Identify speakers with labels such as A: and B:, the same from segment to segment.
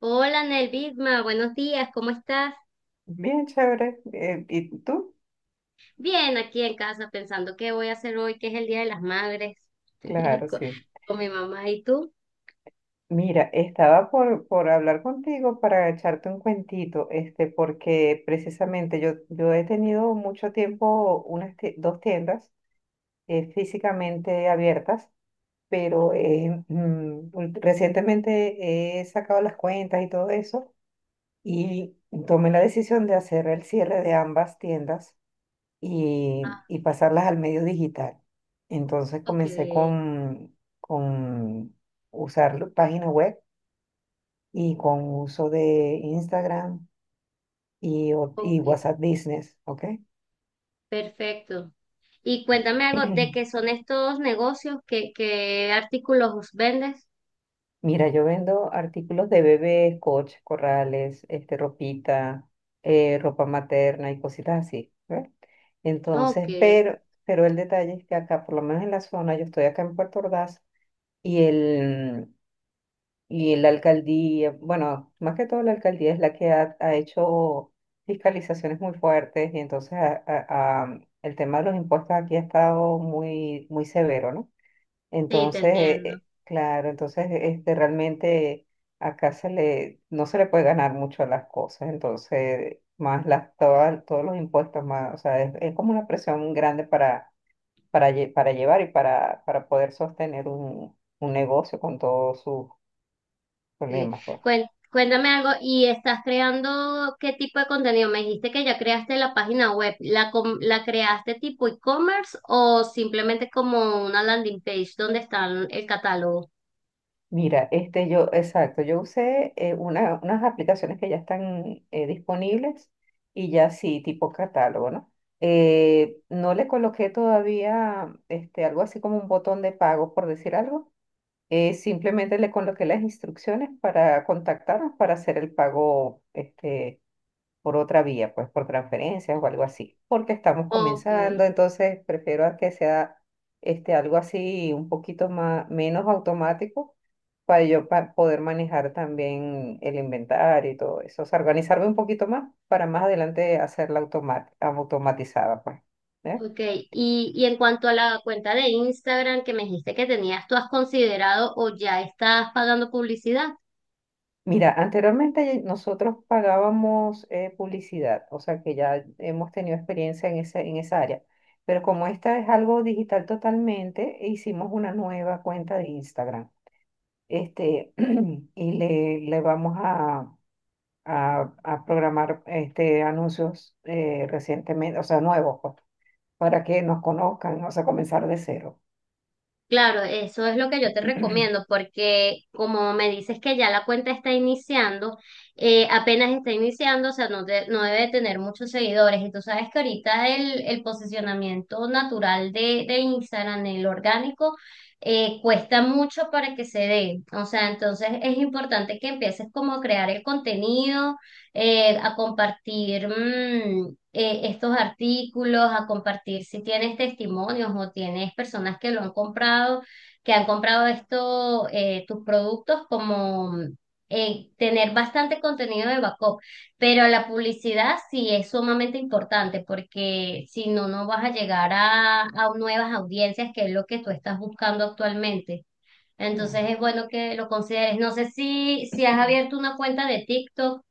A: Hola Nelvisma, buenos días, ¿cómo estás?
B: Bien, chévere. ¿Y tú?
A: Bien, aquí en casa pensando qué voy a hacer hoy, que es el Día de las Madres,
B: Claro,
A: con,
B: sí.
A: con mi mamá y tú.
B: Mira, estaba por hablar contigo para echarte un cuentito, porque precisamente yo he tenido mucho tiempo dos tiendas físicamente abiertas, pero recientemente he sacado las cuentas y todo eso y tomé la decisión de hacer el cierre de ambas tiendas
A: Ah,
B: y pasarlas al medio digital. Entonces
A: ok,
B: comencé con usar la página web y con uso de Instagram y, y
A: ok,
B: WhatsApp Business, ¿ok?
A: perfecto. Y cuéntame algo de qué son estos negocios, qué artículos vendes.
B: Mira, yo vendo artículos de bebés, coches, corrales, ropita, ropa materna y cositas así, ¿ve?
A: Ok,
B: Entonces,
A: sí,
B: pero el detalle es que acá, por lo menos en la zona, yo estoy acá en Puerto Ordaz y el, y la alcaldía, bueno, más que todo la alcaldía es la que ha hecho fiscalizaciones muy fuertes y entonces el tema de los impuestos aquí ha estado muy, muy severo, ¿no?
A: te
B: Entonces,
A: entiendo.
B: claro, entonces realmente acá no se le puede ganar mucho a las cosas, entonces más todos los impuestos, más, o sea, es como una presión grande para, para llevar y para poder sostener un negocio con todos sus
A: Sí.
B: problemas, pues.
A: Cuen- Cuéntame algo, ¿y estás creando qué tipo de contenido? Me dijiste que ya creaste la página web, ¿ la creaste tipo e-commerce o simplemente como una landing page donde está el catálogo?
B: Mira, exacto, yo usé unas aplicaciones que ya están disponibles y ya sí, tipo catálogo, ¿no? No le coloqué todavía algo así como un botón de pago, por decir algo. Simplemente le coloqué las instrucciones para contactarnos para hacer el pago por otra vía, pues por transferencias o algo así, porque estamos
A: Ok,
B: comenzando, entonces prefiero a que sea algo así un poquito más, menos automático para poder manejar también el inventario y todo eso, o sea, organizarme un poquito más para más adelante hacerla automatizada, pues. ¿Eh?
A: ok. Y en cuanto a la cuenta de Instagram que me dijiste que tenías, ¿tú has considerado o ya estás pagando publicidad?
B: Mira, anteriormente nosotros pagábamos publicidad, o sea que ya hemos tenido experiencia en esa área, pero como esta es algo digital totalmente, hicimos una nueva cuenta de Instagram. Este, y le vamos a, a programar anuncios recientemente, o sea, nuevos, pues, para que nos conozcan, o sea, comenzar de cero.
A: Claro, eso es lo que yo te recomiendo, porque como me dices que ya la cuenta está iniciando, apenas está iniciando, o sea, no debe tener muchos seguidores. Y tú sabes que ahorita el posicionamiento natural de Instagram, el orgánico, cuesta mucho para que se dé. O sea, entonces es importante que empieces como a crear el contenido a compartir estos artículos, a compartir si tienes testimonios o tienes personas que lo han comprado, que han comprado esto, tus productos, como tener bastante contenido de backup. Pero la publicidad sí es sumamente importante porque si no, no vas a llegar a nuevas audiencias, que es lo que tú estás buscando actualmente. Entonces es bueno que lo consideres. No sé si has
B: Claro.
A: abierto una cuenta de TikTok.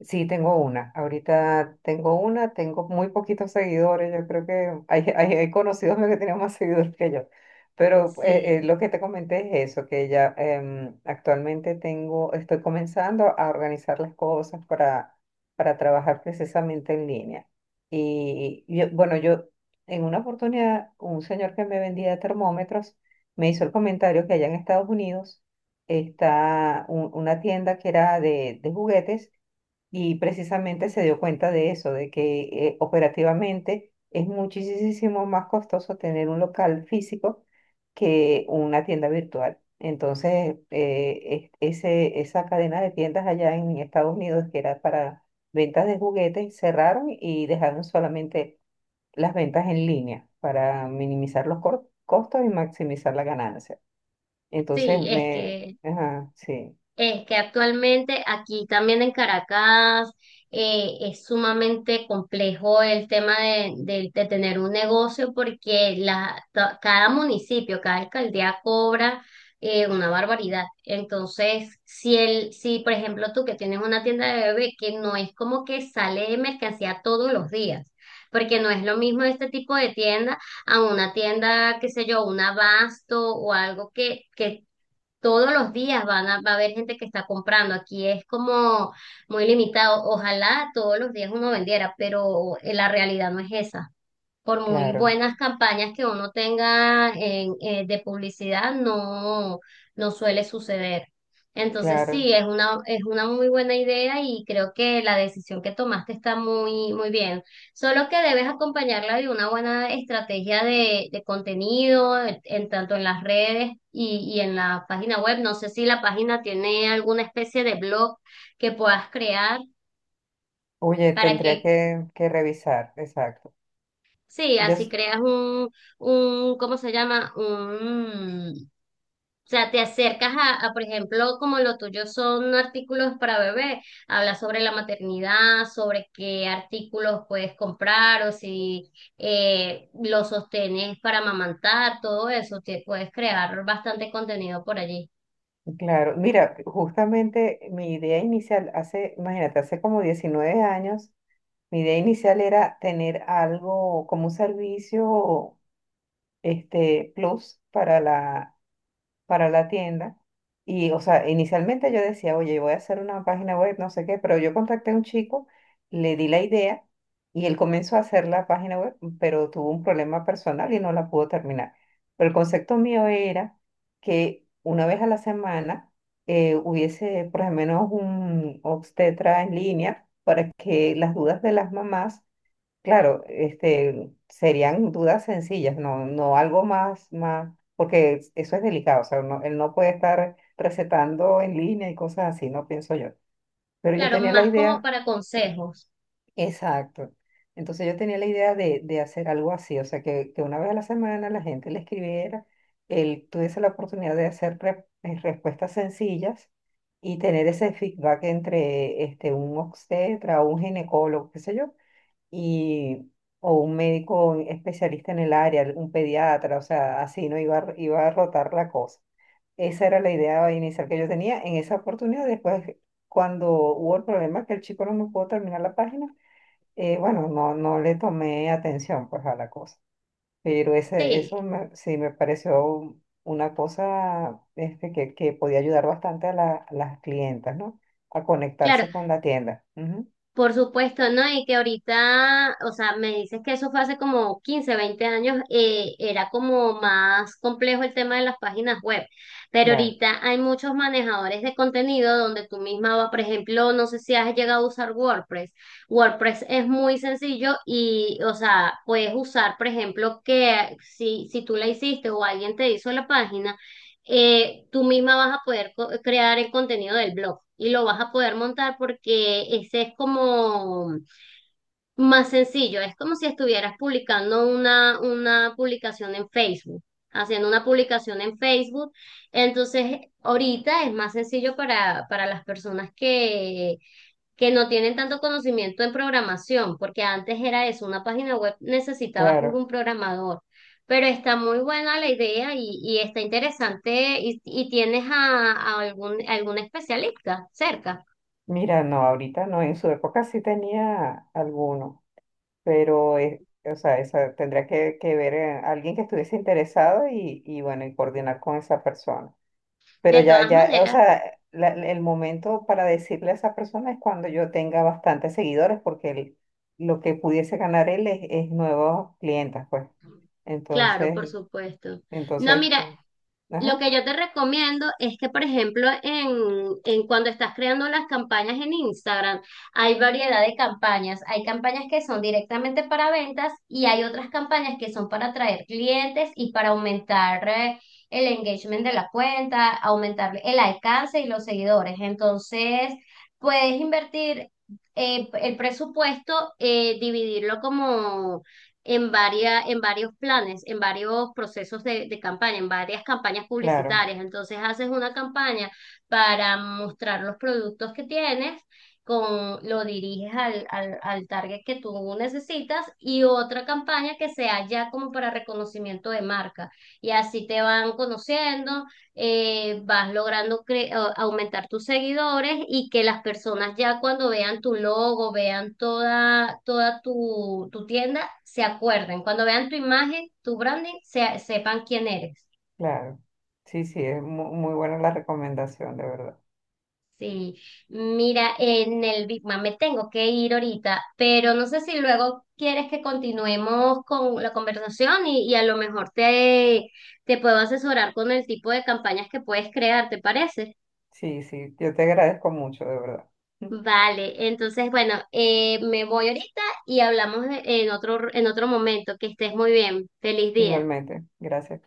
B: Sí, tengo una. Ahorita tengo una, tengo muy poquitos seguidores. Yo creo que hay conocidos míos que tienen más seguidores que yo. Pero
A: Sí.
B: lo que te comenté es eso, que ya actualmente tengo, estoy comenzando a organizar las cosas para trabajar precisamente en línea. Bueno, yo en una oportunidad, un señor que me vendía termómetros me hizo el comentario que allá en Estados Unidos está una tienda que era de juguetes y precisamente se dio cuenta de eso, de que operativamente es muchísimo más costoso tener un local físico que una tienda virtual. Entonces, ese, esa cadena de tiendas allá en Estados Unidos, que era para ventas de juguetes, cerraron y dejaron solamente las ventas en línea para minimizar los costos y maximizar la ganancia. Entonces,
A: Sí, es
B: me...
A: que,
B: Ajá, sí,
A: es que actualmente aquí también en Caracas es sumamente complejo el tema de, de tener un negocio porque cada municipio, cada alcaldía cobra una barbaridad. Entonces, si, el, si por ejemplo tú que tienes una tienda de bebé que no es como que sale de mercancía todos los días, porque no es lo mismo este tipo de tienda a una tienda, qué sé yo, un abasto o algo que todos los días van a, va a haber gente que está comprando. Aquí es como muy limitado. Ojalá todos los días uno vendiera, pero la realidad no es esa por muy
B: claro,
A: buenas campañas que uno tenga en, de publicidad, no, no suele suceder. Entonces
B: claro.
A: sí, es una muy buena idea y creo que la decisión que tomaste está muy, muy bien. Solo que debes acompañarla de una buena estrategia de contenido, en tanto en las redes y en la página web. No sé si la página tiene alguna especie de blog que puedas crear
B: Oye,
A: para
B: tendría
A: que
B: que revisar, exacto.
A: Sí,
B: Yo,
A: así
B: s-
A: creas un, ¿cómo se llama? Un, o sea, te acercas a, por ejemplo, como lo tuyo son artículos para bebé, habla sobre la maternidad, sobre qué artículos puedes comprar o si los sostenes para amamantar, todo eso, te puedes crear bastante contenido por allí.
B: claro, mira, justamente mi idea inicial, hace, imagínate, hace como 19 años, mi idea inicial era tener algo como un servicio, plus para la tienda. Y, o sea, inicialmente yo decía, oye, voy a hacer una página web, no sé qué, pero yo contacté a un chico, le di la idea y él comenzó a hacer la página web, pero tuvo un problema personal y no la pudo terminar. Pero el concepto mío era que una vez a la semana hubiese por lo menos un obstetra en línea para que las dudas de las mamás. Claro, serían dudas sencillas, no, no algo más, más, porque eso es delicado, o sea, él no puede estar recetando en línea y cosas así, no pienso yo. Pero yo
A: Claro,
B: tenía la
A: más como
B: idea,
A: para consejos.
B: exacto, entonces yo tenía la idea de hacer algo así, o sea, que una vez a la semana la gente le escribiera, él tuviese la oportunidad de hacer respuestas sencillas y tener ese feedback entre un obstetra o un ginecólogo, qué sé yo y, o un médico especialista en el área, un pediatra, o sea, así, ¿no? Iba, iba a rotar la cosa. Esa era la idea inicial que yo tenía en esa oportunidad. Después, cuando hubo el problema que el chico no me pudo terminar la página, bueno, no, no le tomé atención pues a la cosa. Pero ese,
A: Sí.
B: sí me pareció una cosa que podía ayudar bastante a, a las clientas, ¿no? A
A: Claro,
B: conectarse con la tienda. Ujú,
A: por supuesto, ¿no? Y que ahorita, o sea, me dices que eso fue hace como 15 20 años, era como más complejo el tema de las páginas web, pero
B: claro,
A: ahorita hay muchos manejadores de contenido donde tú misma vas, por ejemplo, no sé si has llegado a usar WordPress. WordPress es muy sencillo y, o sea, puedes usar, por ejemplo, que si, si tú la hiciste o alguien te hizo la página, tú misma vas a poder crear el contenido del blog y lo vas a poder montar porque ese es como más sencillo. Es como si estuvieras publicando una publicación en Facebook, haciendo una publicación en Facebook. Entonces, ahorita es más sencillo para las personas que no tienen tanto conocimiento en programación, porque antes era eso, una página web necesitaba juro
B: claro.
A: un programador, pero está muy buena la idea y está interesante y tienes a algún, algún especialista cerca.
B: Mira, no, ahorita no, en su época sí tenía alguno, pero es, o sea, esa, tendría que ver alguien que estuviese interesado y bueno, y coordinar con esa persona. Pero
A: De
B: ya,
A: todas
B: ya, o
A: maneras,
B: sea, el momento para decirle a esa persona es cuando yo tenga bastantes seguidores, porque lo que pudiese ganar él es nuevos clientes, pues.
A: claro, por
B: Entonces,
A: supuesto. No,
B: entonces,
A: mira, lo
B: ajá,
A: que yo te recomiendo es que, por ejemplo, en cuando estás creando las campañas en Instagram, hay variedad de campañas. Hay campañas que son directamente para ventas y hay otras campañas que son para atraer clientes y para aumentar el engagement de la cuenta, aumentar el alcance y los seguidores. Entonces, puedes invertir el presupuesto, dividirlo como en varias en varios planes, en varios procesos de campaña, en varias campañas
B: claro,
A: publicitarias. Entonces haces una campaña para mostrar los productos que tienes, con, lo diriges al, al, al target que tú necesitas y otra campaña que sea ya como para reconocimiento de marca. Y así te van conociendo, vas logrando aumentar tus seguidores y que las personas ya cuando vean tu logo, vean toda, toda tu, tu tienda, se acuerden. Cuando vean tu imagen, tu branding, sepan quién eres.
B: claro. Sí, sí, es muy buena la recomendación, de verdad.
A: Sí, mira, en el Big Mac me tengo que ir ahorita, pero no sé si luego quieres que continuemos con la conversación y a lo mejor te, te puedo asesorar con el tipo de campañas que puedes crear, ¿te parece?
B: Sí, sí, yo te agradezco mucho, de verdad.
A: Vale, entonces bueno, me voy ahorita y hablamos en otro momento. Que estés muy bien. Feliz día.
B: Igualmente, gracias.